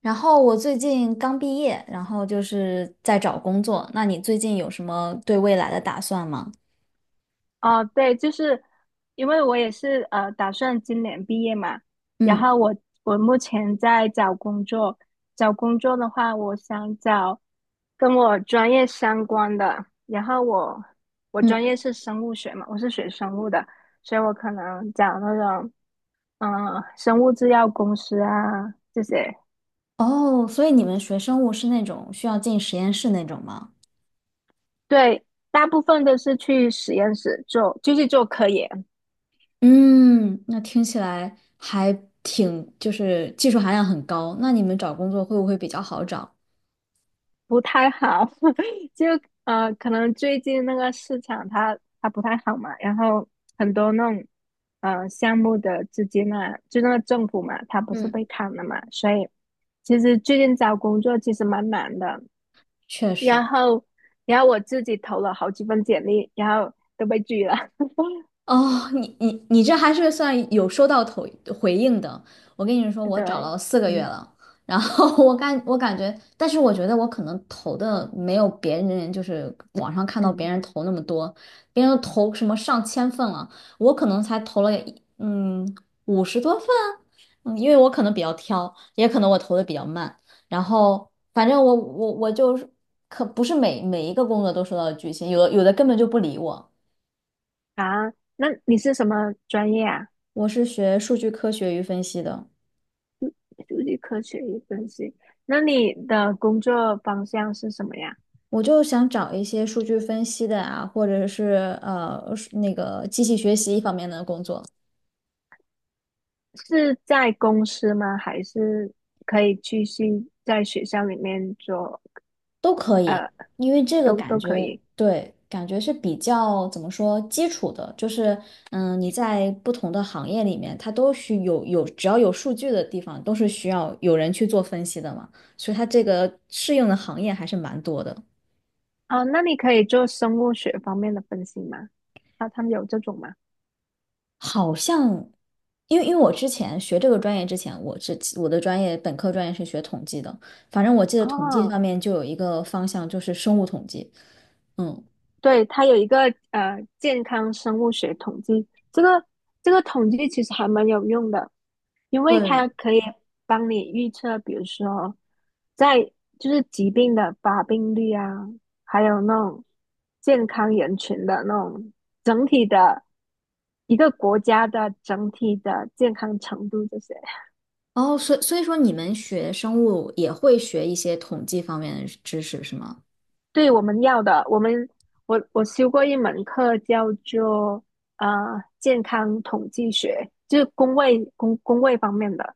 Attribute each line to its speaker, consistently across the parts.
Speaker 1: 然后我最近刚毕业，然后就是在找工作。那你最近有什么对未来的打算吗？
Speaker 2: 哦，对，就是因为我也是打算今年毕业嘛，然
Speaker 1: 嗯
Speaker 2: 后我目前在找工作，找工作的话，我想找跟我专业相关的，然后我专
Speaker 1: 嗯。
Speaker 2: 业是生物学嘛，我是学生物的，所以我可能找那种嗯、生物制药公司啊这些，
Speaker 1: 哦，所以你们学生物是那种需要进实验室那种吗？
Speaker 2: 对，大部分都是去实验室做，就是做科研。
Speaker 1: 嗯，那听起来还挺，就是技术含量很高。那你们找工作会不会比较好找？
Speaker 2: 不太好，就可能最近那个市场它不太好嘛，然后很多那种项目的资金啊，就那个政府嘛，它不是
Speaker 1: 嗯，
Speaker 2: 被砍了嘛，所以其实最近找工作其实蛮难的。
Speaker 1: 确实。
Speaker 2: 然后，然后我自己投了好几份简历，然后都被拒了。
Speaker 1: 哦，你这还是算有收到头回应的。我跟你说，我找
Speaker 2: 对，
Speaker 1: 了四个月
Speaker 2: 嗯
Speaker 1: 了，然后 我感觉，但是我觉得我可能投的没有别人，就是网上看到别
Speaker 2: 嗯
Speaker 1: 人投那么多，别人都投什么上千份了，我可能才投了50多份，嗯，因为我可能比较挑，也可能我投的比较慢，然后反正我就是可不是每一个工作都收到拒信，有的根本就不理我。
Speaker 2: 啊，那你是什么专业啊？
Speaker 1: 我是学数据科学与分析的。
Speaker 2: 数据科学与分析。那你的工作方向是什么呀？
Speaker 1: 我就想找一些数据分析的啊，或者是那个机器学习方面的工作
Speaker 2: 是在公司吗？还是可以继续在学校里面做？
Speaker 1: 都可以。
Speaker 2: 呃，
Speaker 1: 因为这个
Speaker 2: 都
Speaker 1: 感
Speaker 2: 都可
Speaker 1: 觉
Speaker 2: 以。
Speaker 1: 对，感觉是比较怎么说基础的，就是你在不同的行业里面，它都需有只要有数据的地方，都是需要有人去做分析的嘛，所以它这个适应的行业还是蛮多的。
Speaker 2: 哦，那你可以做生物学方面的分析吗？他们有这种吗？
Speaker 1: 好像，因为我之前学这个专业之前，我的本科专业是学统计的，反正我记得统计
Speaker 2: 哦，
Speaker 1: 方面就有一个方向就是生物统计。嗯，
Speaker 2: 对，它有一个健康生物学统计，这个统计其实还蛮有用的，因为它
Speaker 1: 对。
Speaker 2: 可以帮你预测，比如说在就是疾病的发病率啊，还有那种健康人群的那种整体的一个国家的整体的健康程度这些。
Speaker 1: 哦，所以说你们学生物也会学一些统计方面的知识是吗？
Speaker 2: 对，我们要的，我们我修过一门课叫做健康统计学，就是工位方面的，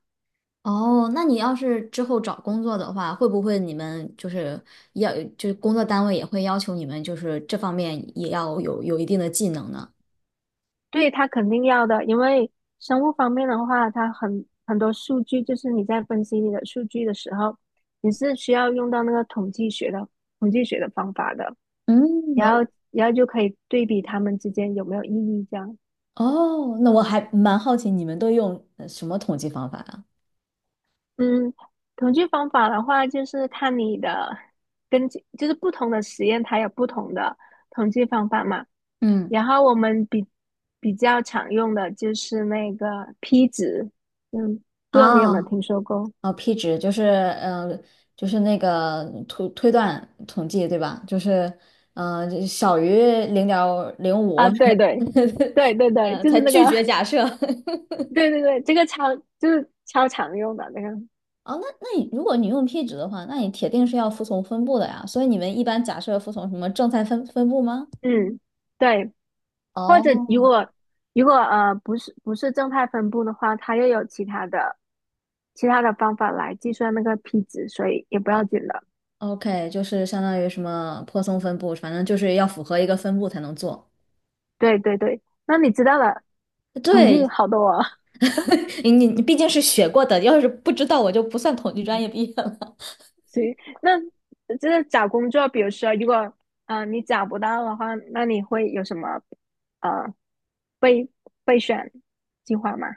Speaker 1: 哦，那你要是之后找工作的话，会不会你们就是要就是工作单位也会要求你们就是这方面也要有一定的技能呢？
Speaker 2: 对，他肯定要的，因为生物方面的话，它很多数据，就是你在分析你的数据的时候，你是需要用到那个统计学的方法的，
Speaker 1: 嗯。
Speaker 2: 然后就可以对比他们之间有没有意义这样。
Speaker 1: 哦，那我还蛮好奇你们都用什么统计方法啊？
Speaker 2: 嗯，统计方法的话，就是看你的根据，就是不同的实验它有不同的统计方法嘛。
Speaker 1: 嗯。
Speaker 2: 然后我们比较常用的就是那个 p 值，嗯，不知道你有没
Speaker 1: 啊。
Speaker 2: 有听说过
Speaker 1: 哦，P 值就是嗯，就是那个推断统计对吧？就小于0.05，
Speaker 2: 啊？对对对 对，就
Speaker 1: 才
Speaker 2: 是那个，
Speaker 1: 拒绝假设。
Speaker 2: 对对对，这个超就是超常用的那个，
Speaker 1: 哦，那如果你用 P 值的话，那你铁定是要服从分布的呀。所以你们一般假设服从什么正态分布吗？
Speaker 2: 嗯，对。或者
Speaker 1: 哦，
Speaker 2: 如果如果不是正态分布的话，它又有其他的。其他的方法来计算那个 p 值，所以也不
Speaker 1: 呃
Speaker 2: 要紧的。
Speaker 1: ，OK，就是相当于什么泊松分布，反正就是要符合一个分布才能做。
Speaker 2: 对对对，那你知道了，统计
Speaker 1: 对。
Speaker 2: 好多啊。
Speaker 1: 你毕竟是学过的，要是不知道我就不算统计 专
Speaker 2: 嗯
Speaker 1: 业毕业了。
Speaker 2: 行，那就是找工作，比如说，如果你找不到的话，那你会有什么呃备备选计划吗？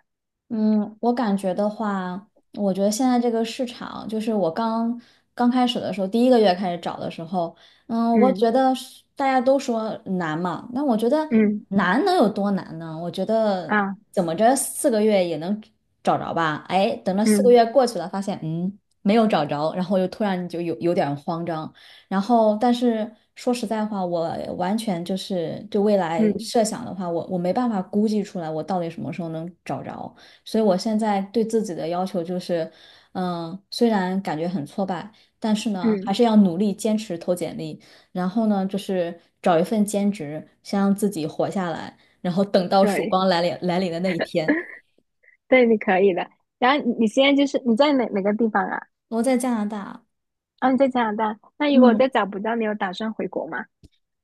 Speaker 1: 嗯，我感觉的话，我觉得现在这个市场，就是我刚刚开始的时候，第一个月开始找的时候，嗯，我
Speaker 2: 嗯
Speaker 1: 觉得是大家都说难嘛，那我觉得
Speaker 2: 嗯
Speaker 1: 难能有多难呢？我觉得
Speaker 2: 啊
Speaker 1: 怎么着四个月也能找着吧？哎，等到四个
Speaker 2: 嗯
Speaker 1: 月过去了，发现没有找着，然后又突然就有点儿慌张，然后但是说实在话，我完全就是对未来
Speaker 2: 嗯
Speaker 1: 设想的话，我没办法估计出来我到底什么时候能找着。所以我现在对自己的要求就是，嗯，虽然感觉很挫败，但是呢，
Speaker 2: 嗯，
Speaker 1: 还是要努力坚持投简历，然后呢，就是找一份兼职，先让自己活下来，然后等到曙
Speaker 2: 对
Speaker 1: 光来临的那一天。
Speaker 2: 对，你可以的。然后你现在就是你在哪个地方啊？
Speaker 1: 我在加拿大。
Speaker 2: 啊，你在加拿大。那如果
Speaker 1: 嗯。
Speaker 2: 再找不到，你有打算回国吗？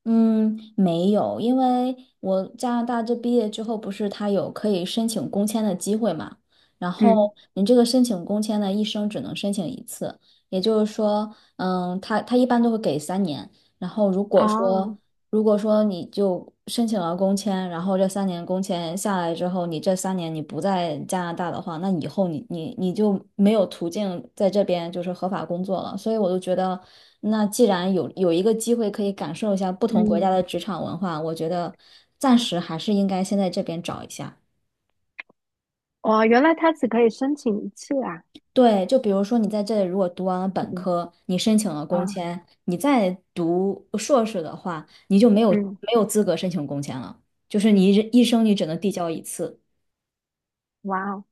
Speaker 1: 嗯，没有，因为我加拿大这毕业之后，不是他有可以申请工签的机会嘛？然后
Speaker 2: 嗯，
Speaker 1: 你这个申请工签呢，一生只能申请一次，也就是说，他一般都会给三年。然后如果说
Speaker 2: 哦，
Speaker 1: 如果说你就申请了工签，然后这三年工签下来之后，你这三年你不在加拿大的话，那以后你就没有途径在这边就是合法工作了。所以我就觉得，那既然有一个机会可以感受一下不同国家
Speaker 2: 嗯。
Speaker 1: 的职场文化，我觉得暂时还是应该先在这边找一下。
Speaker 2: 哦，原来他只可以申请一次啊！
Speaker 1: 对，就比如说你在这里如果读完了本
Speaker 2: 嗯，
Speaker 1: 科，你申请了工
Speaker 2: 啊，
Speaker 1: 签，你再读硕士的话，你就没有
Speaker 2: 嗯，
Speaker 1: 没有资格申请工签了，就是你一生你只能递交一次。
Speaker 2: 哇哦。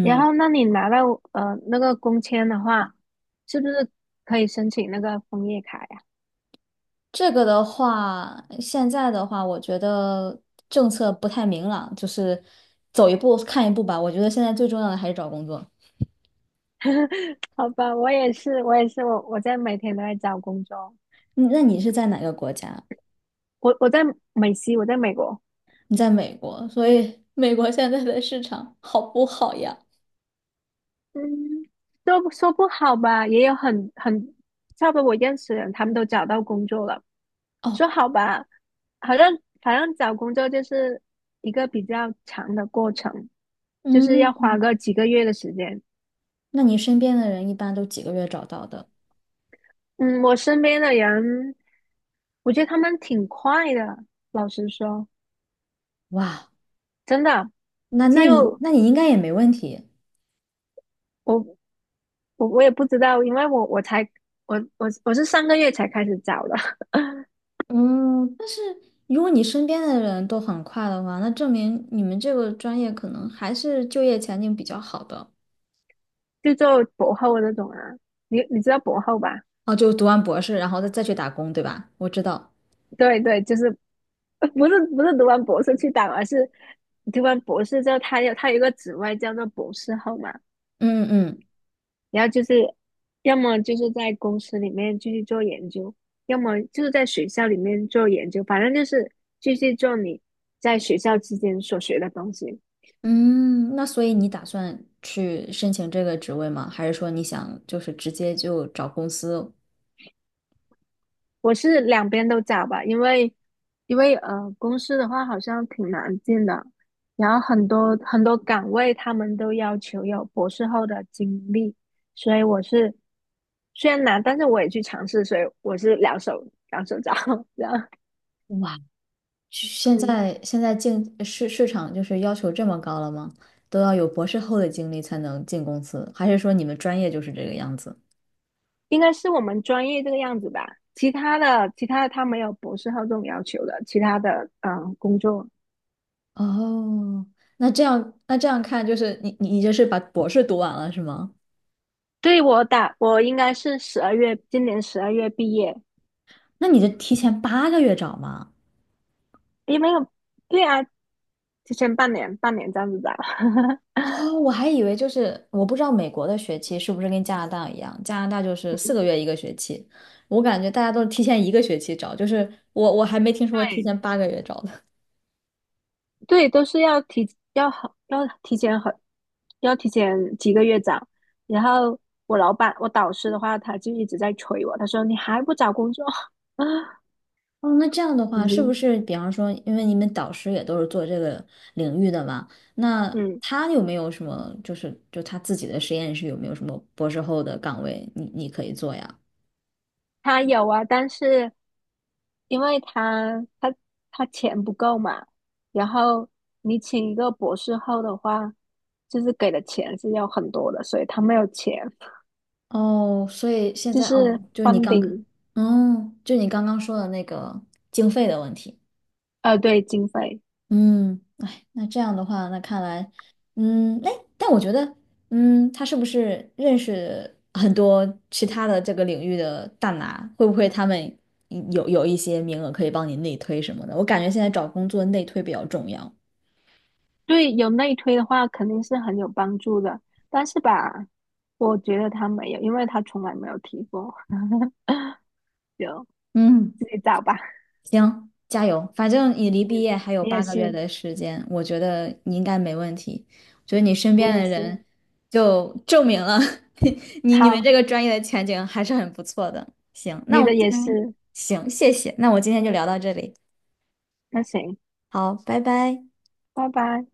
Speaker 2: 然后，那你拿到那个工签的话，是不是可以申请那个枫叶卡呀？
Speaker 1: 这个的话，现在的话，我觉得政策不太明朗，就是走一步看一步吧。我觉得现在最重要的还是找工作。
Speaker 2: 好吧，我也是，我也是，我在每天都在找工作，
Speaker 1: 嗯，那你是在哪个国家？
Speaker 2: 我在美西，我在美国，
Speaker 1: 你在美国，所以美国现在的市场好不好呀？
Speaker 2: 嗯，说不好吧，也有差不多我认识的人，他们都找到工作了，
Speaker 1: 哦。
Speaker 2: 说好吧，好像好像找工作就是一个比较长的过程，就是
Speaker 1: 嗯，
Speaker 2: 要花个几个月的时间。
Speaker 1: 那你身边的人一般都几个月找到的？
Speaker 2: 嗯，我身边的人，我觉得他们挺快的，老实说，
Speaker 1: 哇，
Speaker 2: 真的。
Speaker 1: 那那你
Speaker 2: 就
Speaker 1: 那你应该也没问题。
Speaker 2: 我我也不知道，因为我是上个月才开始找的，
Speaker 1: 嗯，如果你身边的人都很快的话，那证明你们这个专业可能还是就业前景比较好的。
Speaker 2: 就做博后那种啊。你知道博后吧？
Speaker 1: 哦，就读完博士，然后再去打工，对吧？我知道。
Speaker 2: 对对，就是 不是读完博士去打，而是你读完博士之后，他有一个职位叫做博士后嘛，
Speaker 1: 嗯嗯
Speaker 2: 然后就是要么就是在公司里面继续做研究，要么就是在学校里面做研究，反正就是继续做你在学校期间所学的东西。
Speaker 1: 嗯，那所以你打算去申请这个职位吗？还是说你想就是直接就找公司？
Speaker 2: 我是两边都找吧，因为公司的话好像挺难进的，然后很多岗位他们都要求有博士后的经历，所以我是虽然难，但是我也去尝试，所以我是两手找 这样
Speaker 1: 哇。现
Speaker 2: 嗯，
Speaker 1: 在现在市场就是要求这么高了吗？都要有博士后的经历才能进公司，还是说你们专业就是这个样子？
Speaker 2: 应该是我们专业这个样子吧，其他的他没有博士后这种要求的，其他的工作，
Speaker 1: 哦，那这样看，就是你这是把博士读完了是吗？
Speaker 2: 我应该是十二月今年十二月毕业，
Speaker 1: 那你就提前八个月找吗？
Speaker 2: 也没有。对啊，提前半年，半年这样子打。
Speaker 1: 哦，我还以为就是我不知道美国的学期是不是跟加拿大一样，加拿大就是四个 月一个学期，我感觉大家都是提前一个学期找，就是我还没听说过提
Speaker 2: 对，
Speaker 1: 前八个月找的。
Speaker 2: 对，都是要提要好要提前很要提前几个月找。然后我老板我导师的话，他就一直在催我，他说你还不找工作？
Speaker 1: 哦，那这样的话，是不
Speaker 2: 嗯
Speaker 1: 是比方说，因为你们导师也都是做这个领域的嘛，那
Speaker 2: 嗯，
Speaker 1: 他有没有什么，就他自己的实验室有没有什么博士后的岗位你可以做呀？
Speaker 2: 他有啊，但是因为他钱不够嘛，然后你请一个博士后的话，就是给的钱是要很多的，所以他没有钱，
Speaker 1: 哦，所以现
Speaker 2: 就
Speaker 1: 在哦，
Speaker 2: 是
Speaker 1: 就是你刚刚，
Speaker 2: funding,
Speaker 1: 哦，就你刚刚说的那个经费的问题。
Speaker 2: 呃，对，经费。
Speaker 1: 嗯，哎，那这样的话，那看来，哎，但我觉得，他是不是认识很多其他的这个领域的大拿？会不会他们有一些名额可以帮你内推什么的？我感觉现在找工作内推比较重要。
Speaker 2: 对，有内推的话肯定是很有帮助的，但是吧，我觉得他没有，因为他从来没有提过，就
Speaker 1: 嗯。
Speaker 2: 自己找吧。
Speaker 1: 行，加油！反正你离毕业还有
Speaker 2: 你也
Speaker 1: 八个月
Speaker 2: 是，
Speaker 1: 的时间，我觉得你应该没问题。我觉得你身
Speaker 2: 你
Speaker 1: 边
Speaker 2: 也
Speaker 1: 的
Speaker 2: 是，
Speaker 1: 人就证明了 你们
Speaker 2: 好，
Speaker 1: 这个专业的前景还是很不错的。行，那
Speaker 2: 你
Speaker 1: 我们
Speaker 2: 的
Speaker 1: 今
Speaker 2: 也
Speaker 1: 天
Speaker 2: 是，
Speaker 1: 行，谢谢。那我今天就聊到这里，
Speaker 2: 那行，
Speaker 1: 好，拜拜。
Speaker 2: 拜拜。